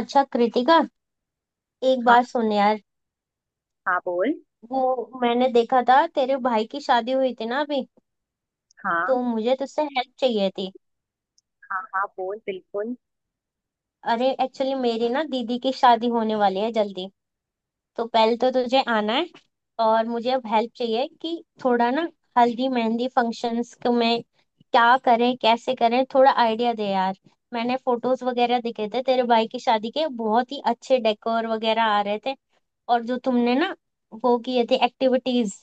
अच्छा कृतिका, एक हाँ बात सुन यार। हाँ बोल। वो मैंने देखा था, तेरे भाई की शादी हुई थी ना अभी, हाँ तो मुझे तुझसे हेल्प चाहिए थी। हाँ हाँ बोल बिल्कुल। अरे एक्चुअली मेरी ना दीदी की शादी होने वाली है जल्दी, तो पहले तो तुझे आना है। और मुझे अब हेल्प चाहिए कि थोड़ा ना हल्दी मेहंदी फंक्शंस में क्या करें कैसे करें, थोड़ा आइडिया दे यार। मैंने फोटोज वगैरह देखे थे तेरे भाई की शादी के, बहुत ही अच्छे डेकोर वगैरह आ रहे थे। और जो तुमने ना वो किए थे एक्टिविटीज,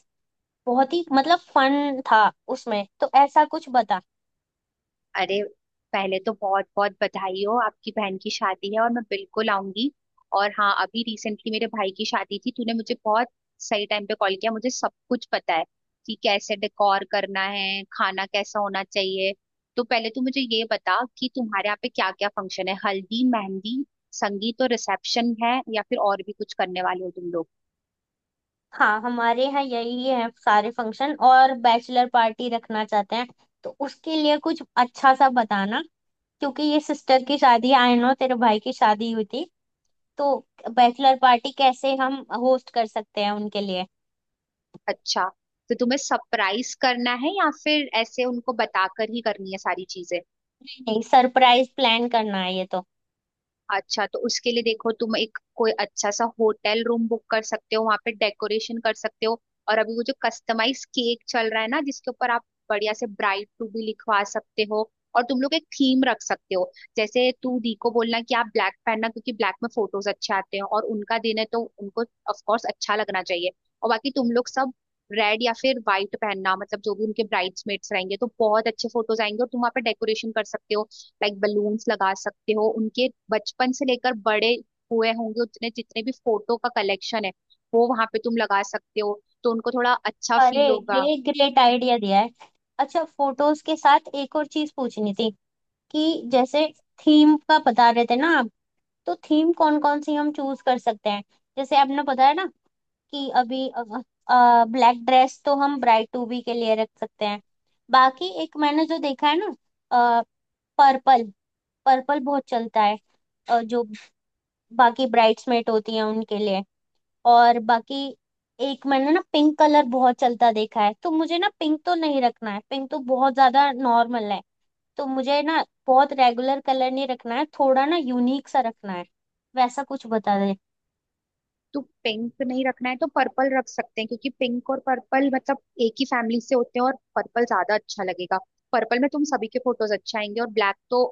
बहुत ही मतलब फन था उसमें, तो ऐसा कुछ बता। अरे पहले तो बहुत बहुत बधाई हो, आपकी बहन की शादी है और मैं बिल्कुल आऊंगी। और हाँ, अभी रिसेंटली मेरे भाई की शादी थी, तूने मुझे बहुत सही टाइम पे कॉल किया, मुझे सब कुछ पता है कि कैसे डेकोर करना है, खाना कैसा होना चाहिए। तो पहले तू मुझे ये बता कि तुम्हारे यहाँ पे क्या क्या फंक्शन है, हल्दी मेहंदी संगीत और रिसेप्शन है, या फिर और भी कुछ करने वाले हो तुम लोग। हाँ, हमारे यहाँ यही है सारे फंक्शन, और बैचलर पार्टी रखना चाहते हैं तो उसके लिए कुछ अच्छा सा बताना। क्योंकि ये सिस्टर की शादी, आई नो तेरे भाई की शादी हुई थी, तो बैचलर पार्टी कैसे हम होस्ट कर सकते हैं उनके लिए। अच्छा, तो तुम्हें सरप्राइज करना है या फिर ऐसे उनको बताकर ही करनी है सारी चीजें। नहीं, सरप्राइज प्लान करना है ये तो। अच्छा, तो उसके लिए देखो, तुम एक कोई अच्छा सा होटल रूम बुक कर सकते हो, वहां पे डेकोरेशन कर सकते हो। और अभी वो जो कस्टमाइज केक चल रहा है ना, जिसके ऊपर आप बढ़िया से ब्राइड टू भी लिखवा सकते हो। और तुम लोग एक थीम रख सकते हो। जैसे तू दी को बोलना कि आप ब्लैक पहनना, क्योंकि ब्लैक में फोटोज अच्छे आते हैं और उनका दिन है तो उनको ऑफ कोर्स अच्छा लगना चाहिए। और बाकी तुम लोग सब रेड या फिर व्हाइट पहनना, मतलब जो भी उनके ब्राइड्समेट्स रहेंगे, तो बहुत अच्छे फोटोज आएंगे। और तुम वहाँ पे डेकोरेशन कर सकते हो, लाइक बलून्स लगा सकते हो। उनके बचपन से लेकर बड़े हुए होंगे, उतने जितने भी फोटो का कलेक्शन है, वो वहां पे तुम लगा सकते हो, तो उनको थोड़ा अच्छा अरे फील होगा। ये ग्रेट आइडिया दिया है। अच्छा, फोटोज के साथ एक और चीज पूछनी थी, कि जैसे थीम का बता रहे थे ना आप, तो थीम कौन कौन सी हम चूज कर सकते हैं। जैसे आपने पता है ना कि अभी ब्लैक ड्रेस तो हम ब्राइड टू बी के लिए रख सकते हैं। बाकी एक मैंने जो देखा है ना, पर्पल, पर्पल बहुत चलता है जो बाकी ब्राइड्समेट होती हैं उनके लिए। और बाकी एक मैंने ना पिंक कलर बहुत चलता देखा है, तो मुझे ना पिंक तो नहीं रखना है, पिंक तो बहुत ज्यादा नॉर्मल है। तो मुझे ना बहुत रेगुलर कलर नहीं रखना है, थोड़ा ना यूनिक सा रखना है, वैसा कुछ बता दे। तो पिंक नहीं रखना है तो पर्पल रख सकते हैं, क्योंकि पिंक और पर्पल मतलब एक ही फैमिली से होते हैं और पर्पल ज्यादा अच्छा लगेगा। पर्पल में तुम सभी के फोटोज अच्छे आएंगे, और ब्लैक तो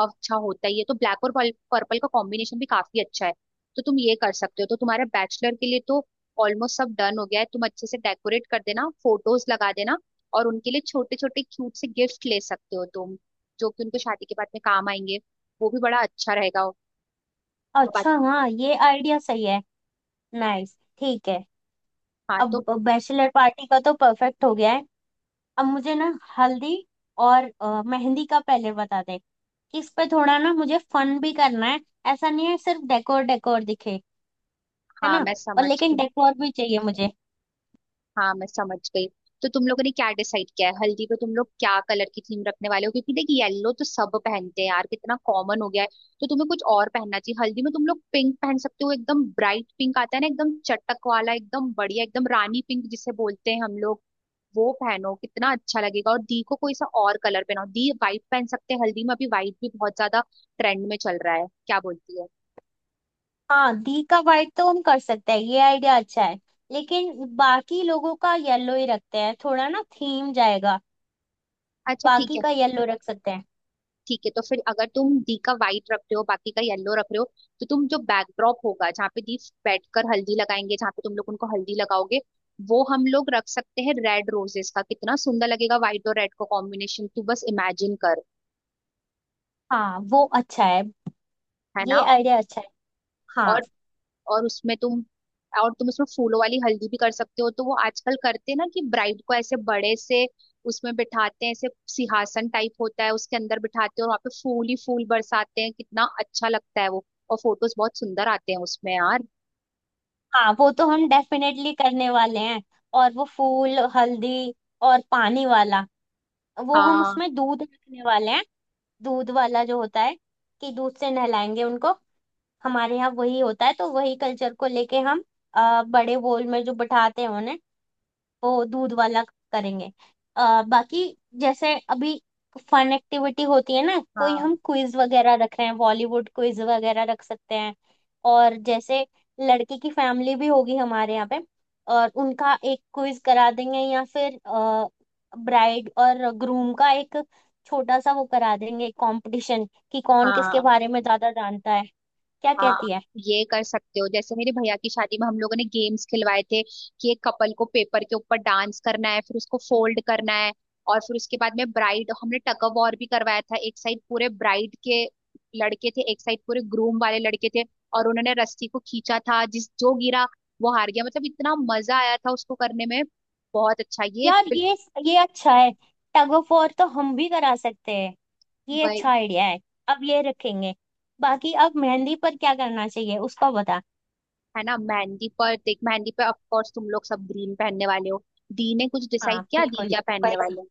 अच्छा होता ही है, तो ब्लैक और पर्पल का कॉम्बिनेशन भी काफी अच्छा है। तो तुम ये कर सकते हो। तो तुम्हारे बैचलर के लिए तो ऑलमोस्ट सब डन हो गया है, तुम अच्छे से डेकोरेट कर देना, फोटोज लगा देना। और उनके लिए छोटे छोटे क्यूट से गिफ्ट ले सकते हो तुम, जो कि उनको शादी के बाद में काम आएंगे, वो भी बड़ा अच्छा रहेगा। और अच्छा बाकी- हाँ, ये आइडिया सही है। नाइस, ठीक है। हाँ अब तो। बैचलर पार्टी का तो परफेक्ट हो गया है। अब मुझे ना हल्दी और मेहंदी का पहले बता दे। इस पे थोड़ा ना मुझे फन भी करना है, ऐसा नहीं है सिर्फ डेकोर डेकोर दिखे, है हाँ ना। मैं और समझ लेकिन गई। डेकोर भी चाहिए मुझे। हाँ मैं समझ गई। तो तुम लोगों ने क्या डिसाइड किया है, हल्दी पे तुम लोग क्या कलर की थीम रखने वाले हो, क्योंकि देख, येलो तो सब पहनते हैं यार, कितना कॉमन हो गया है। तो तुम्हें कुछ और पहनना चाहिए, हल्दी में तुम लोग पिंक पहन सकते हो, एकदम ब्राइट पिंक आता है ना, एकदम चटक वाला, एकदम बढ़िया, एकदम रानी पिंक जिसे बोलते हैं हम लोग, वो पहनो, कितना अच्छा लगेगा। और दी को कोई सा और कलर पहनाओ, दी वाइट पहन सकते हैं हल्दी में, अभी वाइट भी बहुत ज्यादा ट्रेंड में चल रहा है, क्या बोलती है। हाँ, दी का वाइट तो हम कर सकते हैं, ये आइडिया अच्छा है। लेकिन बाकी लोगों का येलो ही रखते हैं, थोड़ा ना थीम जाएगा। अच्छा ठीक बाकी है। का येलो रख सकते हैं। ठीक है, तो फिर अगर तुम डी का वाइट रख रहे हो, बाकी का येलो रख रहे हो, तो तुम जो बैकड्रॉप होगा, जहाँ पे दीप बैठकर हल्दी लगाएंगे, जहाँ पे तुम लोग उनको हल्दी लगाओगे, वो हम लोग रख सकते हैं रेड रोजेस का, कितना सुंदर लगेगा व्हाइट और रेड का कॉम्बिनेशन, तू बस इमेजिन कर। हाँ, वो अच्छा है। है ये ना। आइडिया अच्छा है। हाँ। और और उसमें तुम और तुम उसमें फूलों वाली हल्दी भी कर सकते हो, तो वो आजकल करते हैं ना कि ब्राइड को ऐसे बड़े से उसमें बिठाते हैं, ऐसे सिंहासन टाइप होता है उसके अंदर बिठाते हैं और वहां पे फूल ही फूल बरसाते हैं, कितना अच्छा लगता है वो। और फोटोज बहुत सुंदर आते हैं उसमें यार। हाँ, वो तो हम डेफिनेटली करने वाले हैं। और वो फूल हल्दी और पानी वाला, वो हम हाँ। उसमें दूध रखने वाले हैं। दूध वाला जो होता है, कि दूध से नहलाएंगे उनको, हमारे यहाँ वही होता है, तो वही कल्चर को लेके हम बड़े बोल में जो बिठाते हैं उन्हें, वो दूध वाला करेंगे। बाकी जैसे अभी फन एक्टिविटी होती है ना, कोई हाँ। हम क्विज वगैरह रख रहे हैं, बॉलीवुड क्विज वगैरह रख सकते हैं। और जैसे लड़के की फैमिली भी होगी हमारे यहाँ पे, और उनका एक क्विज करा देंगे, या फिर ब्राइड और ग्रूम का एक छोटा सा वो करा देंगे कंपटीशन, कि कौन किसके हाँ। बारे में ज्यादा जानता है, क्या हाँ, कहती है। ये कर सकते हो। जैसे मेरे भैया की शादी में हम लोगों ने गेम्स खिलवाए थे कि एक कपल को पेपर के ऊपर डांस करना है, फिर उसको फोल्ड करना है। और फिर उसके बाद में ब्राइड, हमने टग ऑफ वॉर भी करवाया था, एक साइड पूरे ब्राइड के लड़के थे, एक साइड पूरे ग्रूम वाले लड़के थे, और उन्होंने रस्सी को खींचा था, जिस जो गिरा वो हार गया, मतलब इतना मजा आया था उसको करने में, बहुत अच्छा ये यार ये अच्छा है। टग ऑफ वॉर तो हम भी करा सकते हैं, ये भाई। अच्छा आइडिया है। अब ये रखेंगे। बाकी अब मेहंदी पर क्या करना चाहिए उसका बता। है ना। मेहंदी पर देख, मेहंदी पर ऑफ कोर्स तुम लोग सब ग्रीन पहनने वाले हो। दी ने कुछ डिसाइड हाँ किया, दी बिल्कुल, क्या वही पहनने चीज़। वाले।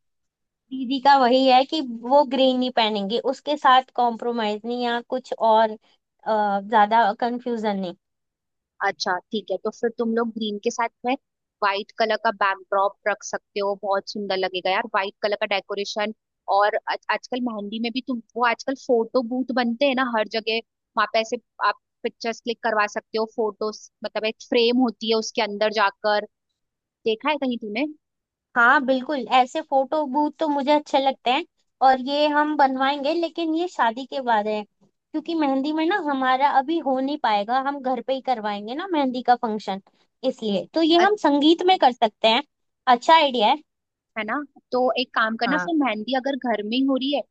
दीदी का वही है कि वो ग्रीन नहीं पहनेंगे, उसके साथ कॉम्प्रोमाइज नहीं, या कुछ और ज्यादा कंफ्यूजन नहीं। अच्छा ठीक है, तो फिर तुम लोग ग्रीन के साथ में व्हाइट कलर का बैकड्रॉप रख सकते हो, बहुत सुंदर लगेगा यार व्हाइट कलर का डेकोरेशन। और आजकल मेहंदी में भी तुम वो आजकल फोटो बूथ बनते हैं ना हर जगह, वहां पे ऐसे आप पिक्चर्स क्लिक करवा सकते हो, फोटोस मतलब एक फ्रेम होती है उसके अंदर जाकर, देखा है कहीं तुमने। हाँ बिल्कुल, ऐसे फोटो बूथ तो मुझे अच्छे लगते हैं, और ये हम बनवाएंगे, लेकिन ये शादी के बाद है। क्योंकि मेहंदी में ना हमारा अभी हो नहीं पाएगा, हम घर पे ही करवाएंगे ना मेहंदी का फंक्शन, इसलिए तो ये हम संगीत में कर सकते हैं। अच्छा आइडिया है। है ना। तो एक काम करना, हाँ। फिर मेहंदी अगर घर में ही हो रही है,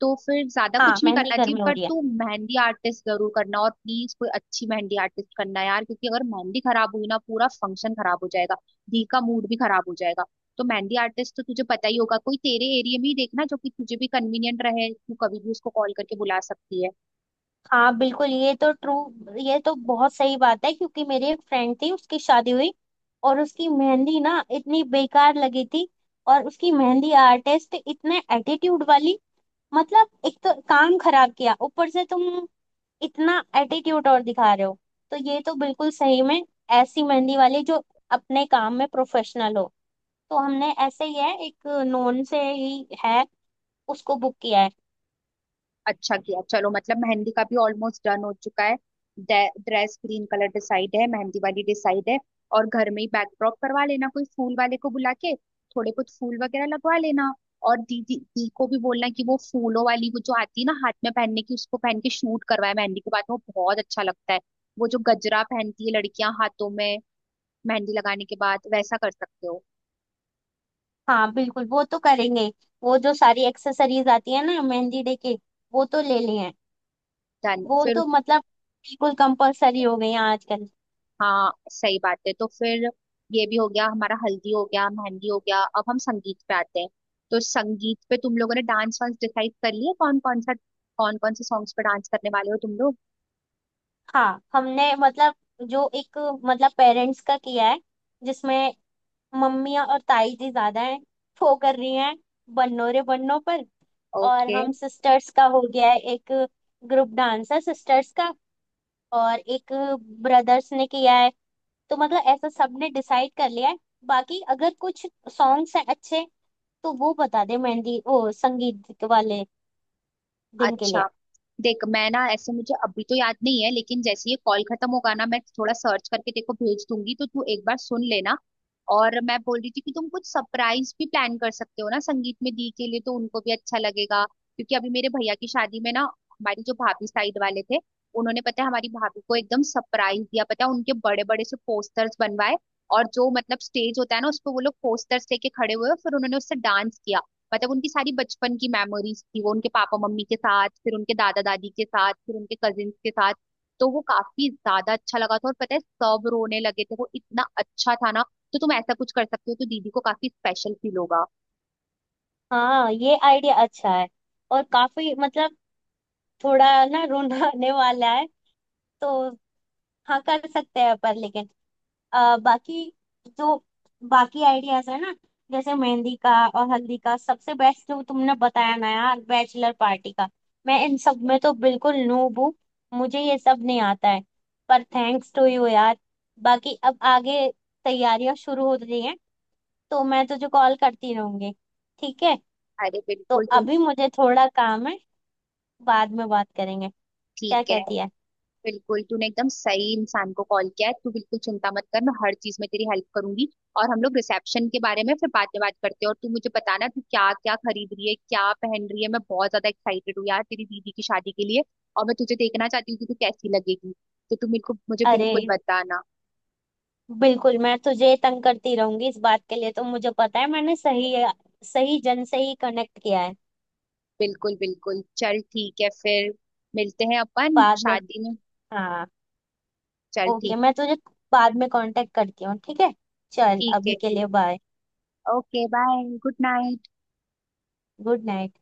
तो फिर ज्यादा हाँ, कुछ नहीं मेहंदी करना घर चाहिए, में हो पर रही है। तू मेहंदी आर्टिस्ट जरूर करना, और प्लीज कोई अच्छी मेहंदी आर्टिस्ट करना यार, क्योंकि अगर मेहंदी खराब हुई ना पूरा फंक्शन खराब हो जाएगा, दी का मूड भी खराब हो जाएगा। तो मेहंदी आर्टिस्ट तो तुझे पता ही होगा, कोई तेरे एरिया में ही देखना जो कि तुझे भी कन्वीनियंट रहे, तू कभी भी उसको कॉल करके बुला सकती है। हाँ बिल्कुल, ये तो ट्रू, ये तो बहुत सही बात है। क्योंकि मेरी एक फ्रेंड थी उसकी शादी हुई, और उसकी मेहंदी ना इतनी बेकार लगी थी, और उसकी मेहंदी आर्टिस्ट इतने एटीट्यूड वाली, मतलब एक तो काम खराब किया, ऊपर से तुम इतना एटीट्यूड और दिखा रहे हो। तो ये तो बिल्कुल सही में, ऐसी मेहंदी वाली जो अपने काम में प्रोफेशनल हो, तो हमने ऐसे ही है, एक नोन से ही है उसको बुक किया है। अच्छा किया, चलो मतलब मेहंदी का भी ऑलमोस्ट डन हो चुका है। ड्रेस ग्रीन कलर डिसाइड है, मेहंदी वाली डिसाइड है, और घर में ही बैकड्रॉप करवा लेना कोई फूल वाले को बुला के, थोड़े कुछ फूल वगैरह लगवा लेना। और दीदी दी को भी बोलना कि वो फूलों वाली वो जो आती है ना हाथ में पहनने की, उसको पहन के शूट करवाए मेहंदी के बाद, वो बहुत अच्छा लगता है। वो जो गजरा पहनती है लड़कियां हाथों में मेहंदी लगाने के बाद, वैसा कर सकते हो। हाँ बिल्कुल, वो तो करेंगे। वो जो सारी एक्सेसरीज आती है ना मेहंदी डे के, वो तो ले लिए हैं। डन वो फिर। तो मतलब बिल्कुल कंपलसरी हो गई है आजकल। हाँ सही बात है। तो फिर ये भी हो गया हमारा, हल्दी हो गया, मेहंदी हो गया, अब हम संगीत पे आते हैं। तो संगीत पे तुम लोगों ने डांस वांस डिसाइड कर लिए कौन कौन सा, कौन कौन से सॉन्ग्स पे डांस करने वाले हो तुम लोग। हाँ, हमने मतलब जो एक मतलब पेरेंट्स का किया है, जिसमें मम्मी और ताई जी ज्यादा हैं, वो कर रही हैं बन्नों रे बन्नों पर। और ओके। हम सिस्टर्स का हो गया है एक, ग्रुप डांस है सिस्टर्स का। और एक ब्रदर्स ने किया है, तो मतलब ऐसा सबने डिसाइड कर लिया है। बाकी अगर कुछ सॉन्ग्स हैं अच्छे, तो वो बता दे मेहंदी ओ संगीत वाले दिन के लिए। अच्छा, देख मैं ना, ऐसे मुझे अभी तो याद नहीं है, लेकिन जैसे ही ये कॉल खत्म होगा ना, मैं थोड़ा सर्च करके तेको भेज दूंगी, तो तू एक बार सुन लेना। और मैं बोल रही थी कि तुम कुछ सरप्राइज भी प्लान कर सकते हो ना संगीत में दी के लिए, तो उनको भी अच्छा लगेगा, क्योंकि अभी मेरे भैया की शादी में ना, हमारी जो भाभी साइड वाले थे, उन्होंने पता है हमारी भाभी को एकदम सरप्राइज दिया, पता है उनके बड़े बड़े से पोस्टर्स बनवाए, और जो मतलब स्टेज होता है ना, उस पर वो लोग पोस्टर्स लेके खड़े हुए और फिर उन्होंने उससे डांस किया। मतलब उनकी सारी बचपन की मेमोरीज थी, वो उनके पापा मम्मी के साथ, फिर उनके दादा दादी के साथ, फिर उनके कजिन्स के साथ। तो वो काफी ज्यादा अच्छा लगा था, और पता है सब रोने लगे थे, वो इतना अच्छा था ना। तो तुम ऐसा कुछ कर सकते हो, तो दीदी को काफी स्पेशल फील होगा। हाँ ये आइडिया अच्छा है, और काफी मतलब थोड़ा ना रुलाने वाला है, तो हाँ कर सकते हैं पर। लेकिन बाकी जो बाकी आइडियाज है ना, जैसे मेहंदी का और हल्दी का, सबसे बेस्ट जो तुमने बताया ना यार बैचलर पार्टी का। मैं इन सब में तो बिल्कुल नूब हूँ, मुझे ये सब नहीं आता है, पर थैंक्स टू यू यार। बाकी अब आगे तैयारियां शुरू हो रही हैं, तो मैं तुझे कॉल करती रहूंगी, ठीक है। अरे तो बिल्कुल तुम। अभी मुझे थोड़ा काम है, बाद में बात करेंगे, क्या ठीक है। कहती है। बिल्कुल, तूने एकदम सही इंसान को कॉल किया है, तू बिल्कुल चिंता मत कर, मैं हर चीज में तेरी हेल्प करूंगी। और हम लोग रिसेप्शन के बारे में फिर बात करते हैं, और तू मुझे बताना तू क्या क्या खरीद रही है, क्या पहन रही है, मैं बहुत ज्यादा एक्साइटेड हूँ यार तेरी दीदी की शादी के लिए। और मैं तुझे देखना चाहती हूँ कि तू कैसी लगेगी, तो तू मेरे को मुझे अरे बिल्कुल बताना। बिल्कुल, मैं तुझे तंग करती रहूंगी इस बात के लिए, तो मुझे पता है मैंने सही सही जन से ही कनेक्ट किया है। बिल्कुल बिल्कुल, चल ठीक है फिर, मिलते हैं अपन बाद में। शादी में। हाँ। चल ओके, ठीक। मैं तुझे बाद में कांटेक्ट करती हूँ, ठीक है। चल ठीक है, अभी के लिए bye. Okay bye, good night. Good night.